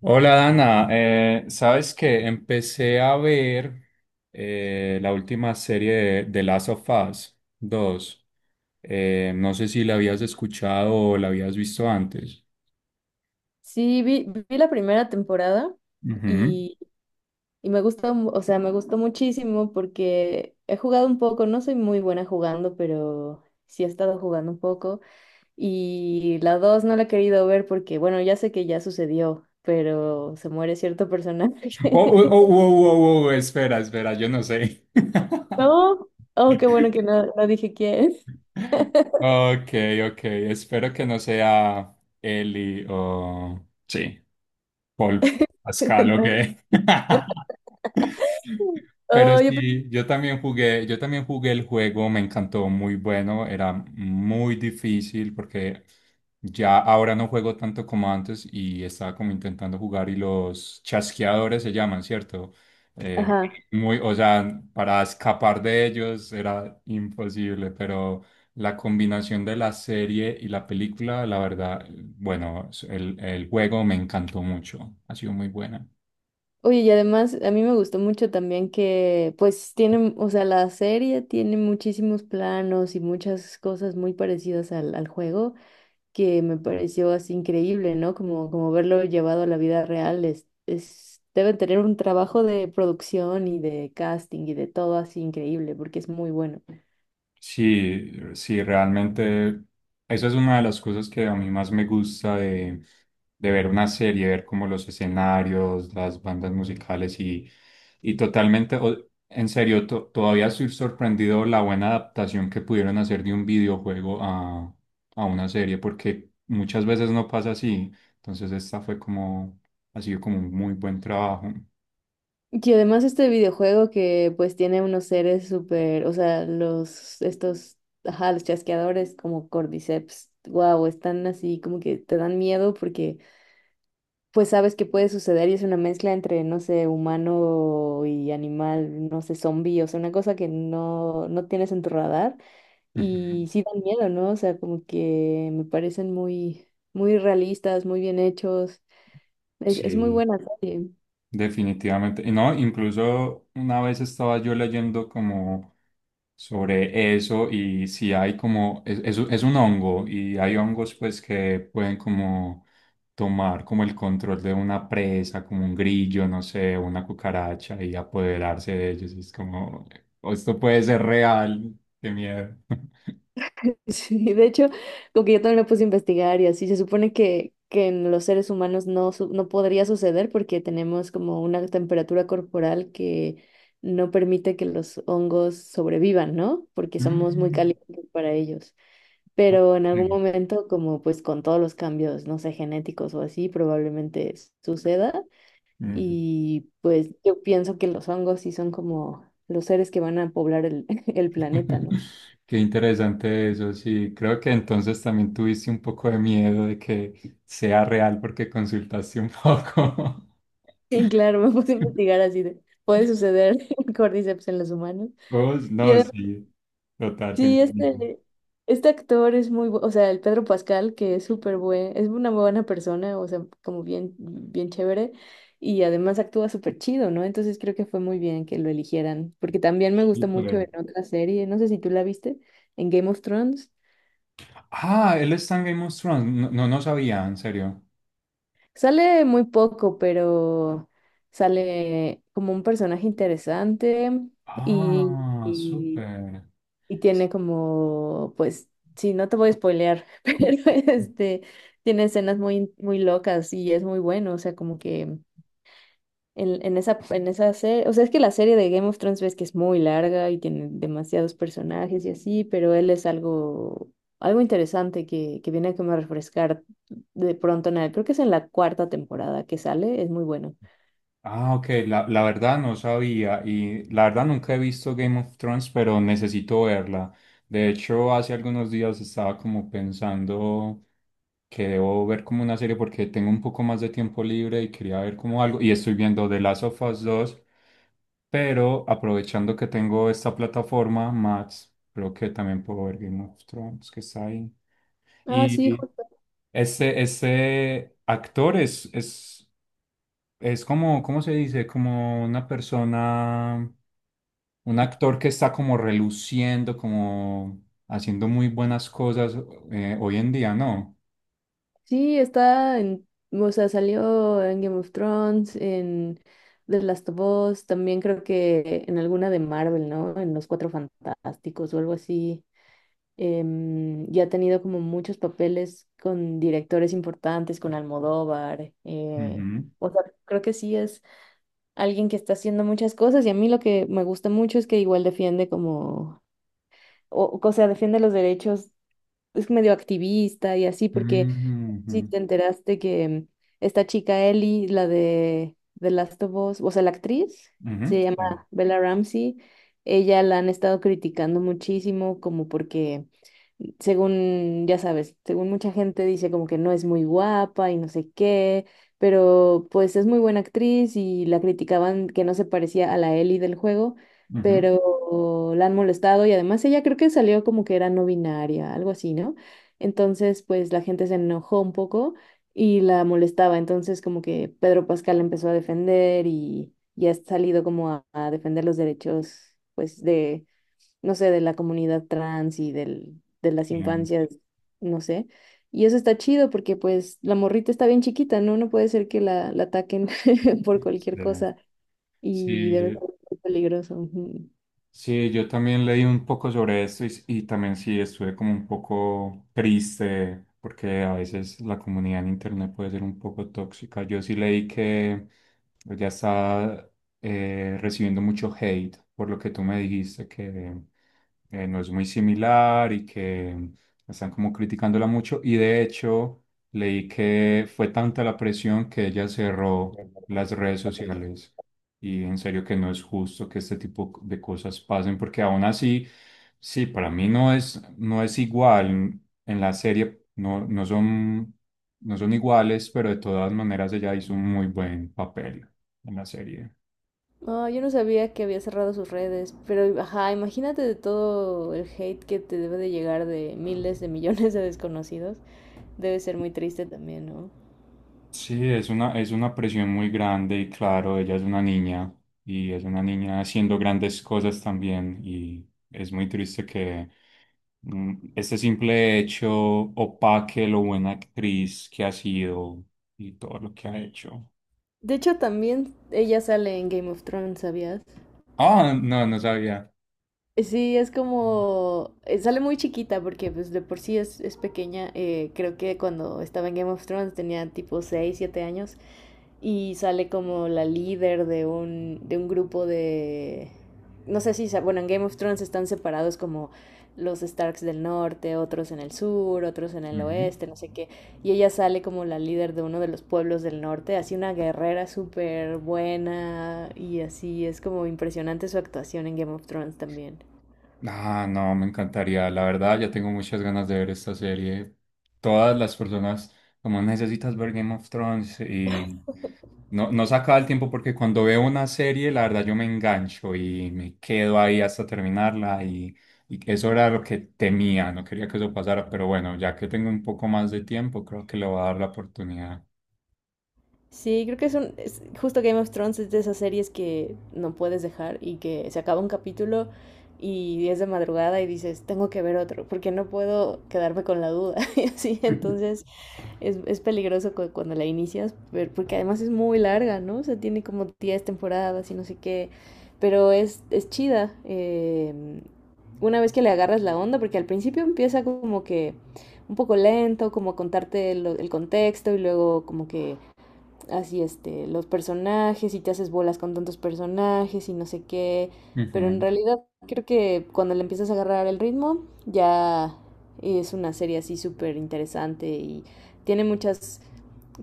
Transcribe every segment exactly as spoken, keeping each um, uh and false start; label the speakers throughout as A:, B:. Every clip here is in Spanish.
A: Hola Dana. Eh, ¿sabes que empecé a ver eh, la última serie de, de Last of Us dos? Eh, no sé si la habías escuchado o la habías visto antes.
B: Sí, vi, vi la primera temporada
A: Ujú.
B: y, y me gustó, mu- o sea, me gustó muchísimo porque he jugado un poco, no soy muy buena jugando, pero sí he estado jugando un poco. Y la dos no la he querido ver porque, bueno, ya sé que ya sucedió, pero se muere cierto personaje.
A: Oh, oh, oh, oh, oh, oh, espera, espera, yo no sé.
B: No, oh, qué bueno que no, no dije quién.
A: Ok, ok. Espero que no sea Eli o... Sí, Paul Pascal, ok. Pero
B: Oh, yo, pe-
A: sí, yo también jugué, yo también jugué el juego. Me encantó, muy bueno. Era muy difícil porque ya ahora no juego tanto como antes y estaba como intentando jugar y los chasqueadores se llaman, ¿cierto? Eh,
B: ajá.
A: Muy, o sea, para escapar de ellos era imposible, pero... La combinación de la serie y la película, la verdad, bueno, el, el juego me encantó mucho. Ha sido muy buena.
B: Oye, y además a mí me gustó mucho también que pues tienen, o sea, la serie tiene muchísimos planos y muchas cosas muy parecidas al, al juego que me pareció así increíble, ¿no? Como, como verlo llevado a la vida real es, es, deben tener un trabajo de producción y de casting y de todo así increíble porque es muy bueno.
A: Sí, sí, realmente eso es una de las cosas que a mí más me gusta de, de ver una serie, ver como los escenarios, las bandas musicales y, y totalmente, o- en serio, to- todavía estoy sorprendido la buena adaptación que pudieron hacer de un videojuego a, a una serie, porque muchas veces no pasa así. Entonces esta fue como, ha sido como un muy buen trabajo.
B: Y además este videojuego que pues tiene unos seres súper, o sea, los, estos, ajá, los chasqueadores como Cordyceps, wow, están así como que te dan miedo porque pues sabes que puede suceder y es una mezcla entre, no sé, humano y animal, no sé, zombie, o sea, una cosa que no, no tienes en tu radar
A: Ujú.
B: y sí dan miedo, ¿no? O sea, como que me parecen muy, muy realistas, muy bien hechos. Es, es muy
A: Sí.
B: buena serie.
A: Definitivamente. Y no, incluso una vez estaba yo leyendo como sobre eso, y si hay como, es, es un es un hongo, y hay hongos pues que pueden como tomar como el control de una presa, como un grillo, no sé, una cucaracha, y apoderarse de ellos. Y es como, "O esto puede ser real, qué miedo".
B: Sí, de hecho, como que yo también lo puse a investigar y así, se supone que, que en los seres humanos no, su- no podría suceder porque tenemos como una temperatura corporal que no permite que los hongos sobrevivan, ¿no? Porque somos muy calientes para ellos. Pero en algún momento, como pues con todos los cambios, no sé, genéticos o así, probablemente suceda.
A: Mm. Ujú.
B: Y pues yo pienso que los hongos sí son como los seres que van a poblar el, el planeta, ¿no?
A: Qué interesante eso, sí. Creo que entonces también tuviste un poco de miedo de que sea real porque consultaste un poco.
B: Sí, claro, me puse a investigar así de, puede suceder cordyceps en los humanos.
A: Vos,
B: Y
A: no,
B: además,
A: sí. Total, tengo
B: sí,
A: miedo.
B: este, este actor es muy, bu- o sea, el Pedro Pascal, que es súper buen, es una muy buena persona, o sea, como bien, bien chévere, y además actúa súper chido, ¿no? Entonces creo que fue muy bien que lo eligieran, porque también me gusta mucho
A: Súper.
B: en otra serie, no sé si tú la viste, en Game of Thrones.
A: Ah, ¿él está en Game of Thrones? No, no, no sabía, en serio.
B: Sale muy poco, pero sale como un personaje interesante y...
A: Ah, súper.
B: y tiene como, pues, sí, no te voy a spoilear, pero este, tiene escenas muy, muy locas y es muy bueno, o sea, como que en, en esa, en esa serie, o sea, es que la serie de Game of Thrones ves que es muy larga y tiene demasiados personajes y así, pero él es algo, algo interesante que, que viene como a refrescar de pronto en el, creo que es en la cuarta temporada que sale, es muy bueno.
A: Ah, ok, la, la verdad no sabía, y la verdad nunca he visto Game of Thrones, pero necesito verla. De hecho, hace algunos días estaba como pensando que debo ver como una serie porque tengo un poco más de tiempo libre y quería ver como algo, y estoy viendo The Last of Us dos, pero aprovechando que tengo esta plataforma, Max, creo que también puedo ver Game of Thrones, que está ahí.
B: Ah, sí,
A: Y ese, ese actor es, es es como, ¿cómo se dice? Como una persona, un actor que está como reluciendo, como haciendo muy buenas cosas eh, hoy en día, ¿no?
B: sí, está en, o sea, salió en Game of Thrones, en The Last of Us, también creo que en alguna de Marvel, ¿no? En Los Cuatro Fantásticos o algo así. Em, y ha tenido como muchos papeles con directores importantes, con Almodóvar. Eh,
A: Ujú,
B: o sea, creo que sí es alguien que está haciendo muchas cosas y a mí lo que me gusta mucho es que igual defiende como, o, o sea, defiende los derechos, es medio activista y así, porque si
A: ujú,
B: te enteraste que esta chica Ellie, la de The Last of Us, o sea, la actriz,
A: ujú,
B: se
A: ujú,
B: llama Bella Ramsey, ella la han estado criticando muchísimo como porque según, ya sabes, según mucha gente dice como que no es muy guapa y no sé qué, pero pues es muy buena actriz y la criticaban que no se parecía a la Ellie del juego,
A: ujú,
B: pero la han molestado y además ella creo que salió como que era no binaria, algo así, ¿no? Entonces, pues la gente se enojó un poco y la molestaba, entonces como que Pedro Pascal la empezó a defender y ya ha salido como a, a defender los derechos, pues de no sé, de la comunidad trans y del, de las
A: ujú.
B: infancias, no sé. Y eso está chido porque pues la morrita está bien chiquita, ¿no? No puede ser que la, la ataquen por
A: Sí,
B: cualquier
A: sí.
B: cosa y debe
A: Sí.
B: ser muy peligroso. Ujú.
A: Sí, yo también leí un poco sobre esto, y, y también sí estuve como un poco triste porque a veces la comunidad en internet puede ser un poco tóxica. Yo sí leí que ya está eh, recibiendo mucho hate por lo que tú me dijiste, que eh, no es muy similar y que están como criticándola mucho. Y de hecho leí que fue tanta la presión que ella cerró las redes sociales. Y en serio que no es justo que este tipo de cosas pasen, porque aún así, sí, para mí no es, no es igual. En la serie no, no son, no son iguales, pero de todas maneras ella hizo un muy buen papel en la serie.
B: No, yo no sabía que había cerrado sus redes, pero ajá, imagínate de todo el hate que te debe de llegar de miles de millones de desconocidos. Debe ser muy triste también, ¿no?
A: Sí, es una, es una presión muy grande, y claro, ella es una niña y es una niña haciendo grandes cosas también, y es muy triste que mm, este simple hecho opaque lo buena actriz que ha sido y todo lo que ha hecho.
B: De hecho, también ella sale en Game of Thrones, ¿sabías?
A: Ah, no, no sabía.
B: Sí, es como, eh, sale muy chiquita porque pues de por sí es, es pequeña. Eh, creo que cuando estaba en Game of Thrones tenía tipo seis siete años y sale como la líder de un, de un grupo de... No sé si, sa- bueno, en Game of Thrones están separados como los Starks del norte, otros en el sur, otros en el
A: Ujú.
B: oeste, no sé qué. Y ella sale como la líder de uno de los pueblos del norte, así una guerrera súper buena y así es como impresionante su actuación en Game of Thrones también.
A: Ah, no, me encantaría. La verdad, ya tengo muchas ganas de ver esta serie. Todas las personas como necesitas ver Game of Thrones y... No, no se acaba el tiempo porque cuando veo una serie, la verdad yo me engancho y me quedo ahí hasta terminarla, y, y eso era lo que temía, no quería que eso pasara, pero bueno, ya que tengo un poco más de tiempo, creo que le voy a dar la oportunidad.
B: Sí, creo que es un... es- justo Game of Thrones es de esas series que no puedes dejar y que se acaba un capítulo y es de madrugada y dices, tengo que ver otro, porque no puedo quedarme con la duda. Y así, entonces es, es peligroso cu- cuando la inicias, pero porque además es muy larga, ¿no? O sea, tiene como diez temporadas y no sé qué, pero es, es chida. Eh, una vez que le agarras la onda, porque al principio empieza como que un poco lento, como contarte lo- el contexto y luego como que así este, los personajes y te haces bolas con tantos personajes y no sé qué, pero en
A: Ujú.
B: realidad creo que cuando le empiezas a agarrar el ritmo ya es una serie así súper interesante y tiene muchas,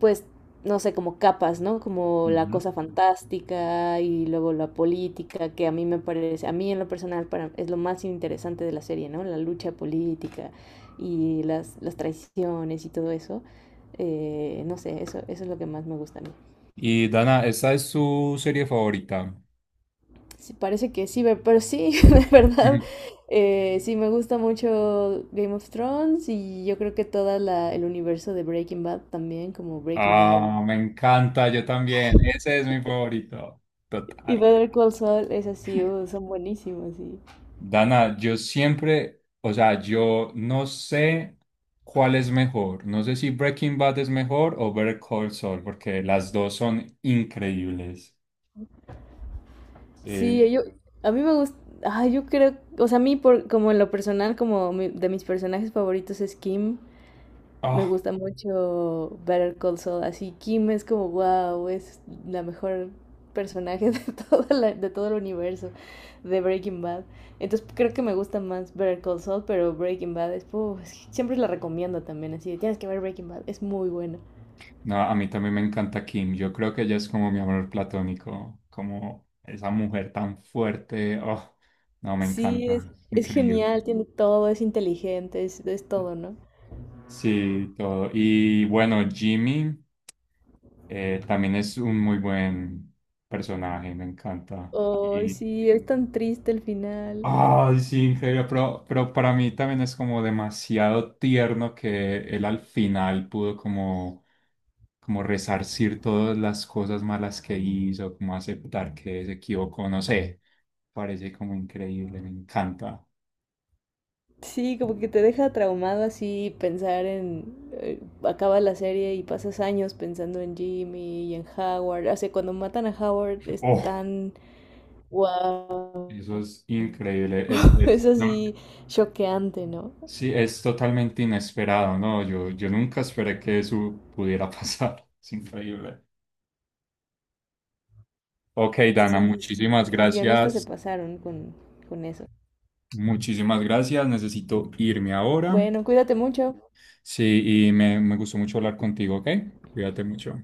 B: pues, no sé, como capas, ¿no? Como la
A: Ujú.
B: cosa fantástica y luego la política, que a mí me parece, a mí en lo personal para, es lo más interesante de la serie, ¿no? La lucha política y las, las traiciones y todo eso. Eh, no sé, eso, eso es lo que más me gusta a mí.
A: Y Dana, ¿esta es su serie favorita?
B: Sí, parece que sí, ve- pero sí, de verdad,
A: Ujú.
B: eh, sí me gusta mucho Game of Thrones y yo creo que todo el universo de Breaking Bad también, como Breaking Bad
A: Ah, me encanta, yo también, ese es mi favorito,
B: y
A: total.
B: Better Call Saul, es así, son buenísimos, sí.
A: Dana, yo siempre, o sea, yo no sé cuál es mejor. No sé si Breaking Bad es mejor o Better Call Saul, porque las dos son increíbles. Sí.
B: Sí, yo, a mí me gusta, ah, yo creo, o sea, a mí por, como en lo personal, como mi- de mis personajes favoritos es Kim. Me
A: Ah,
B: gusta mucho Better Call Saul, así Kim es como, wow, es la mejor personaje de todo la- de todo el universo de Breaking Bad. Entonces creo que me gusta más Better Call Saul, pero Breaking Bad es, puf, es que siempre la recomiendo también, así de, tienes que ver Breaking Bad, es muy buena.
A: no, a mí también me encanta Kim. Yo creo que ella es como mi amor platónico, como esa mujer tan fuerte. Oh, no, me
B: Sí, es,
A: encanta.
B: es
A: Increíble.
B: genial, tiene todo, es inteligente, es, es todo, ¿no?
A: Sí, todo. Y bueno, Jimmy eh, también es un muy buen personaje, me encanta.
B: Ay, sí, es tan triste el final.
A: Ay, sí, increíble, pero, pero para mí también es como demasiado tierno que él al final pudo como, como resarcir todas las cosas malas que hizo, como aceptar que se equivocó, no sé, parece como increíble, me encanta.
B: Sí, como que te deja traumado así pensar en... eh, acaba la serie y pasas años pensando en Jimmy y en Howard. O sea, cuando matan a Howard es
A: Oh,
B: tan... ¡Wow!
A: eso es increíble, es,
B: Es
A: es- no,
B: así choqueante, ¿no?
A: sí, es totalmente inesperado, ¿no? Yo, yo nunca esperé que eso pudiera pasar, es increíble. Ok, Dana,
B: Sí,
A: muchísimas
B: los guionistas se
A: gracias.
B: pasaron con, con eso.
A: Muchísimas gracias. Necesito irme ahora.
B: Bueno, cuídate mucho.
A: Sí, y me, me gustó mucho hablar contigo, ¿ok? Cuídate mucho.